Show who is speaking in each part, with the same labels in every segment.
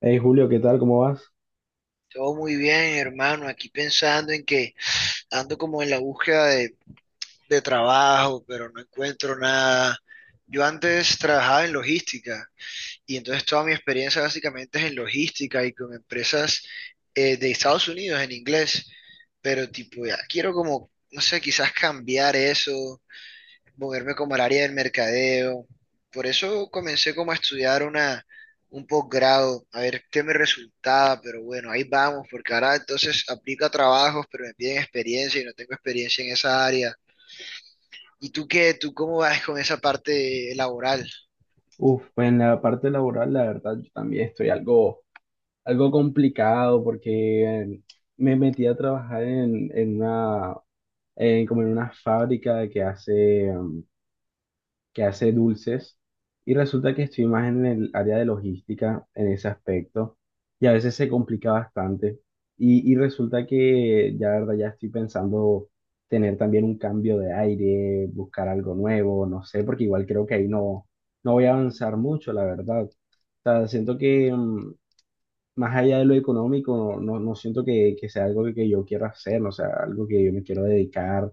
Speaker 1: Hey Julio, ¿qué tal? ¿Cómo vas?
Speaker 2: Todo muy bien, hermano. Aquí pensando en que ando como en la búsqueda de trabajo, pero no encuentro nada. Yo antes trabajaba en logística y entonces toda mi experiencia básicamente es en logística y con empresas de Estados Unidos en inglés, pero tipo ya quiero como, no sé, quizás cambiar eso, moverme como al área del mercadeo. Por eso comencé como a estudiar un posgrado, a ver qué me resultaba, pero bueno, ahí vamos, porque ahora entonces aplico a trabajos, pero me piden experiencia y no tengo experiencia en esa área. ¿Y tú qué? ¿Tú cómo vas con esa parte laboral?
Speaker 1: Uf, pues en la parte laboral, la verdad, yo también estoy algo complicado porque me metí a trabajar en como en una fábrica que hace que hace dulces y resulta que estoy más en el área de logística en ese aspecto y a veces se complica bastante y resulta que ya la verdad ya estoy pensando tener también un cambio de aire, buscar algo nuevo, no sé, porque igual creo que ahí no, no voy a avanzar mucho, la verdad. O sea, siento que más allá de lo económico, no siento que sea algo que yo quiera hacer, no sea algo que yo me quiero dedicar.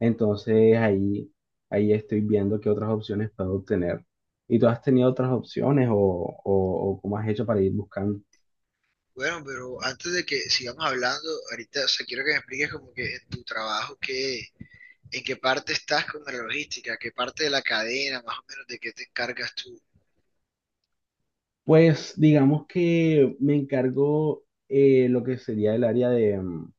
Speaker 1: Entonces ahí estoy viendo qué otras opciones puedo obtener. ¿Y tú has tenido otras opciones o cómo has hecho para ir buscando?
Speaker 2: Bueno, pero antes de que sigamos hablando, ahorita, o sea, quiero que me expliques como que en tu trabajo, qué, en qué parte estás con la logística, qué parte de la cadena, más o menos, de qué te encargas tú.
Speaker 1: Pues digamos que me encargo lo que sería el área de, mm,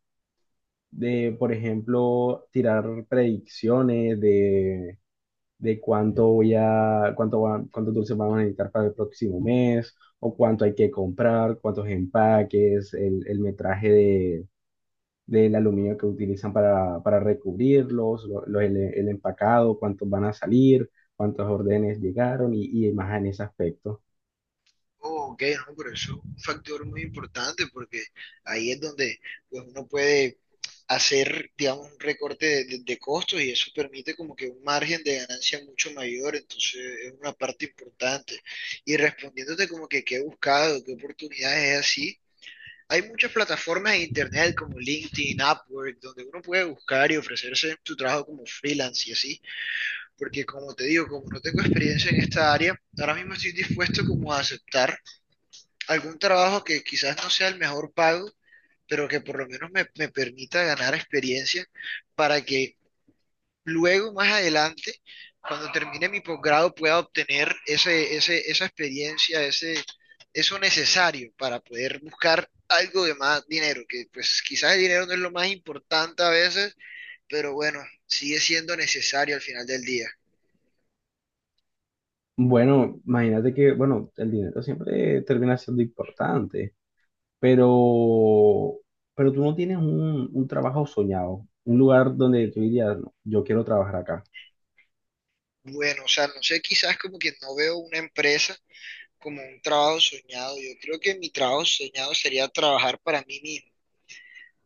Speaker 1: de, por ejemplo, tirar predicciones de cuánto voy a, cuánto va- cuántos dulces vamos a necesitar para el próximo mes, o cuánto hay que comprar, cuántos empaques, el metraje del aluminio que utilizan para recubrirlos, el empacado, cuántos van a salir, cuántos órdenes llegaron y más en ese aspecto.
Speaker 2: Oh, ok, no, pero eso es un factor muy importante porque ahí es donde pues, uno puede hacer, digamos, un recorte de, de costos y eso permite como que un margen de ganancia mucho mayor, entonces es una parte importante. Y respondiéndote como que qué he buscado, qué oportunidades es así, hay muchas plataformas de internet como LinkedIn, Upwork, donde uno puede buscar y ofrecerse su trabajo como freelance y así, porque como te digo, como no tengo experiencia en esta área, ahora mismo estoy dispuesto como a aceptar algún trabajo que quizás no sea el mejor pago, pero que por lo menos me permita ganar experiencia para que luego, más adelante, cuando termine mi posgrado, pueda obtener esa experiencia, ese, eso necesario para poder buscar algo de más dinero, que pues quizás el dinero no es lo más importante a veces, pero bueno, sigue siendo necesario al final del día.
Speaker 1: Bueno, imagínate que, bueno, el dinero siempre termina siendo importante, pero, pero tú no tienes un trabajo soñado, un lugar donde tú dirías, "No, yo quiero trabajar acá".
Speaker 2: Bueno, o sea, no sé, quizás como que no veo una empresa como un trabajo soñado. Yo creo que mi trabajo soñado sería trabajar para mí mismo.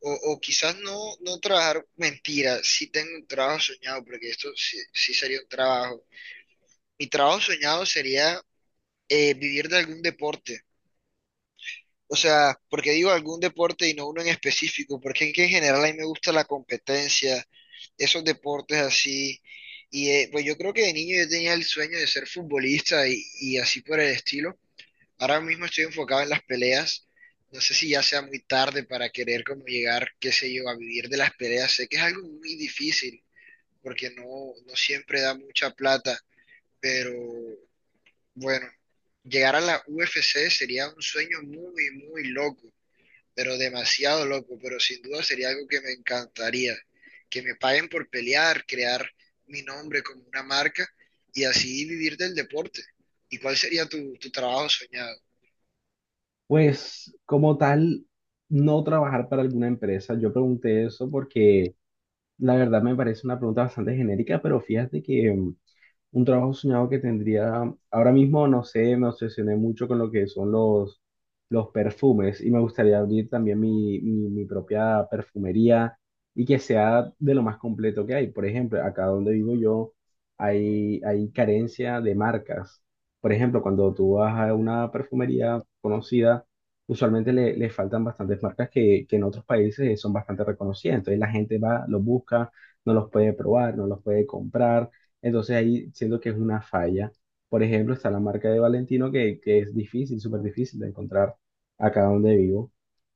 Speaker 2: O quizás no, no trabajar, mentira, sí tengo un trabajo soñado, porque esto sí, sí sería un trabajo. Mi trabajo soñado sería vivir de algún deporte. O sea, porque digo algún deporte y no uno en específico, porque es que en general a mí me gusta la competencia, esos deportes así. Y pues yo creo que de niño yo tenía el sueño de ser futbolista y así por el estilo. Ahora mismo estoy enfocado en las peleas. No sé si ya sea muy tarde para querer como llegar, qué sé yo, a vivir de las peleas. Sé que es algo muy difícil porque no, no siempre da mucha plata, pero bueno, llegar a la UFC sería un sueño muy, muy loco, pero demasiado loco, pero sin duda sería algo que me encantaría. Que me paguen por pelear, crear mi nombre como una marca y así vivir del deporte. ¿Y cuál sería tu, tu trabajo soñado?
Speaker 1: Pues como tal, no trabajar para alguna empresa. Yo pregunté eso porque la verdad me parece una pregunta bastante genérica, pero fíjate que un trabajo soñado que tendría, ahora mismo no sé, me obsesioné mucho con lo que son los perfumes y me gustaría abrir también mi propia perfumería y que sea de lo más completo que hay. Por ejemplo, acá donde vivo yo hay carencia de marcas. Por ejemplo, cuando tú vas a una perfumería conocida, usualmente le faltan bastantes marcas que en otros países son bastante reconocidas. Entonces la gente va, los busca, no los puede probar, no los puede comprar, entonces ahí siento que es una falla. Por ejemplo, está la marca de Valentino que es difícil, súper difícil de encontrar acá donde vivo.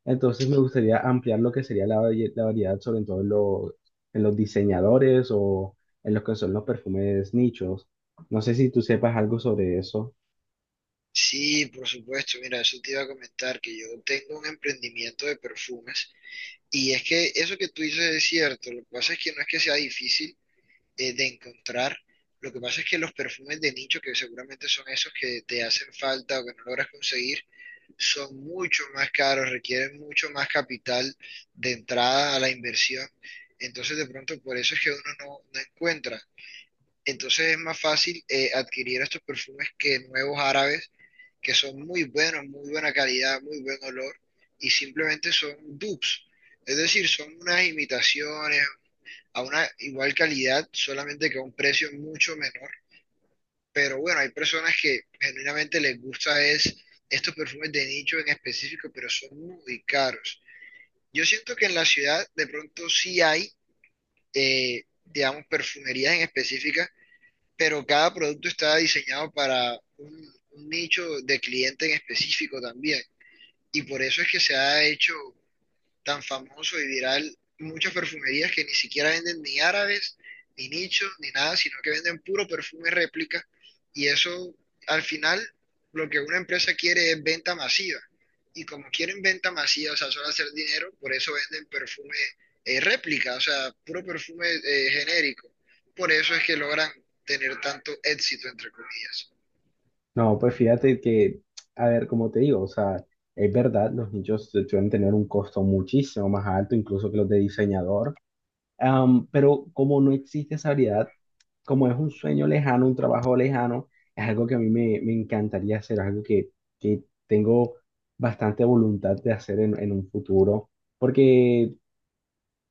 Speaker 1: Entonces me gustaría ampliar lo que sería la variedad, sobre todo en los diseñadores o en los que son los perfumes nichos. No sé si tú sepas algo sobre eso.
Speaker 2: Sí, por supuesto. Mira, eso te iba a comentar, que yo tengo un emprendimiento de perfumes y es que eso que tú dices es cierto. Lo que pasa es que no es que sea difícil de encontrar. Lo que pasa es que los perfumes de nicho, que seguramente son esos que te hacen falta o que no logras conseguir, son mucho más caros, requieren mucho más capital de entrada a la inversión. Entonces, de pronto, por eso es que uno no, no encuentra. Entonces, es más fácil adquirir estos perfumes que nuevos árabes que son muy buenos, muy buena calidad, muy buen olor, y simplemente son dupes. Es decir, son unas imitaciones a una igual calidad, solamente que a un precio mucho menor. Pero bueno, hay personas que genuinamente les gusta es estos perfumes de nicho en específico, pero son muy caros. Yo siento que en la ciudad de pronto sí hay, digamos, perfumerías en específica, pero cada producto está diseñado para un nicho de cliente en específico también. Y por eso es que se ha hecho tan famoso y viral muchas perfumerías que ni siquiera venden ni árabes, ni nichos, ni nada, sino que venden puro perfume réplica y eso al final lo que una empresa quiere es venta masiva y como quieren venta masiva, o sea, solo hacer dinero, por eso venden perfume réplica, o sea, puro perfume genérico. Por eso es que logran tener tanto éxito, entre comillas.
Speaker 1: No, pues fíjate que, a ver, como te digo, o sea, es verdad, los nichos suelen tener un costo muchísimo más alto, incluso que los de diseñador. Am, pero como no existe esa variedad, como es un sueño lejano, un trabajo lejano, es algo que a me encantaría hacer, algo que tengo bastante voluntad de hacer en un futuro, porque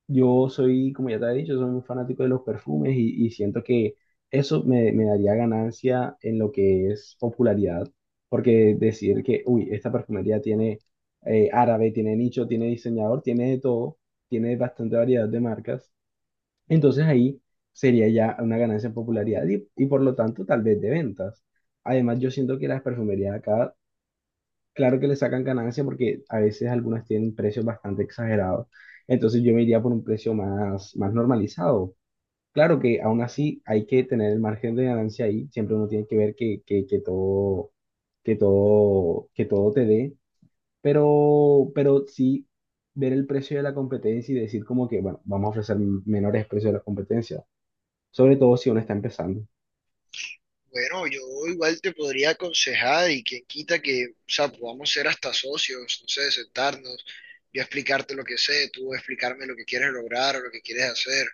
Speaker 1: yo soy, como ya te he dicho, soy un fanático de los perfumes y siento que me daría ganancia en lo que es popularidad, porque decir que, uy, esta perfumería tiene árabe, tiene nicho, tiene diseñador, tiene de todo, tiene bastante variedad de marcas. Entonces ahí sería ya una ganancia en popularidad y por lo tanto tal vez de ventas. Además, yo siento que las perfumerías acá, claro que le sacan ganancia porque a veces algunas tienen precios bastante exagerados. Entonces yo me iría por un precio más normalizado. Claro que aún así hay que tener el margen de ganancia ahí. Siempre uno tiene que ver que todo, que todo te dé. Pero sí ver el precio de la competencia y decir como que, bueno, vamos a ofrecer menores precios de la competencia, sobre todo si uno está empezando.
Speaker 2: Bueno, yo igual te podría aconsejar y quien quita que, o sea, podamos ser hasta socios, no sé, sentarnos, yo explicarte lo que sé, tú explicarme lo que quieres lograr o lo que quieres hacer,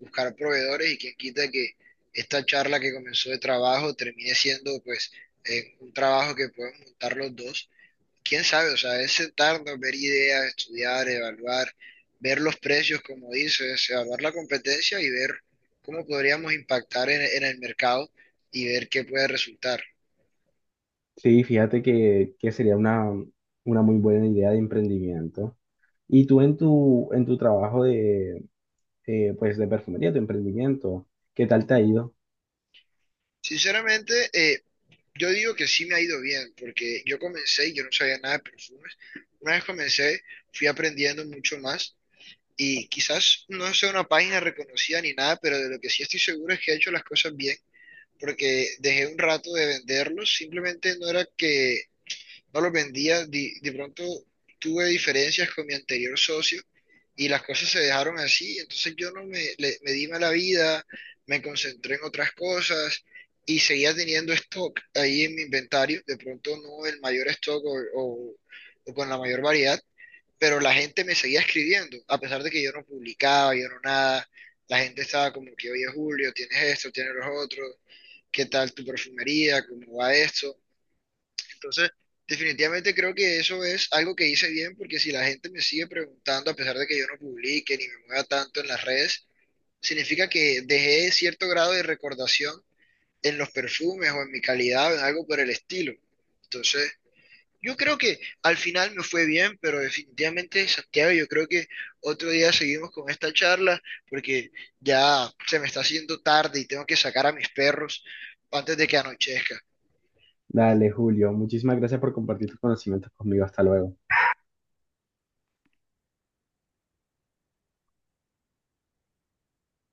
Speaker 2: buscar proveedores y quien quita que esta charla que comenzó de trabajo termine siendo pues un trabajo que podemos montar los dos, quién sabe, o sea, es sentarnos, ver ideas, estudiar, evaluar, ver los precios, como dices, evaluar la competencia y ver cómo podríamos impactar en el mercado y ver qué puede resultar.
Speaker 1: Sí, fíjate que sería una muy buena idea de emprendimiento. Y tú en en tu trabajo de, pues de perfumería, tu emprendimiento, ¿qué tal te ha ido?
Speaker 2: Sinceramente, yo digo que sí me ha ido bien, porque yo comencé y yo no sabía nada de perfumes. Una vez comencé, fui aprendiendo mucho más y quizás no sea una página reconocida ni nada, pero de lo que sí estoy seguro es que he hecho las cosas bien, porque dejé un rato de venderlos, simplemente no era que no los vendía. De pronto tuve diferencias con mi anterior socio y las cosas se dejaron así. Entonces yo no me, me di mala vida, me concentré en otras cosas y seguía teniendo stock ahí en mi inventario. De pronto no el mayor stock o con la mayor variedad, pero la gente me seguía escribiendo, a pesar de que yo no publicaba, yo no nada. La gente estaba como que, oye Julio, tienes esto, tienes los otros, ¿qué tal tu perfumería? ¿Cómo va esto? Entonces, definitivamente creo que eso es algo que hice bien porque si la gente me sigue preguntando, a pesar de que yo no publique ni me mueva tanto en las redes, significa que dejé cierto grado de recordación en los perfumes o en mi calidad o en algo por el estilo. Entonces, yo creo que al final me fue bien, pero definitivamente, Santiago, yo creo que otro día seguimos con esta charla porque ya se me está haciendo tarde y tengo que sacar a mis perros antes de que anochezca.
Speaker 1: Dale, Julio, muchísimas gracias por compartir tus conocimientos conmigo. Hasta luego.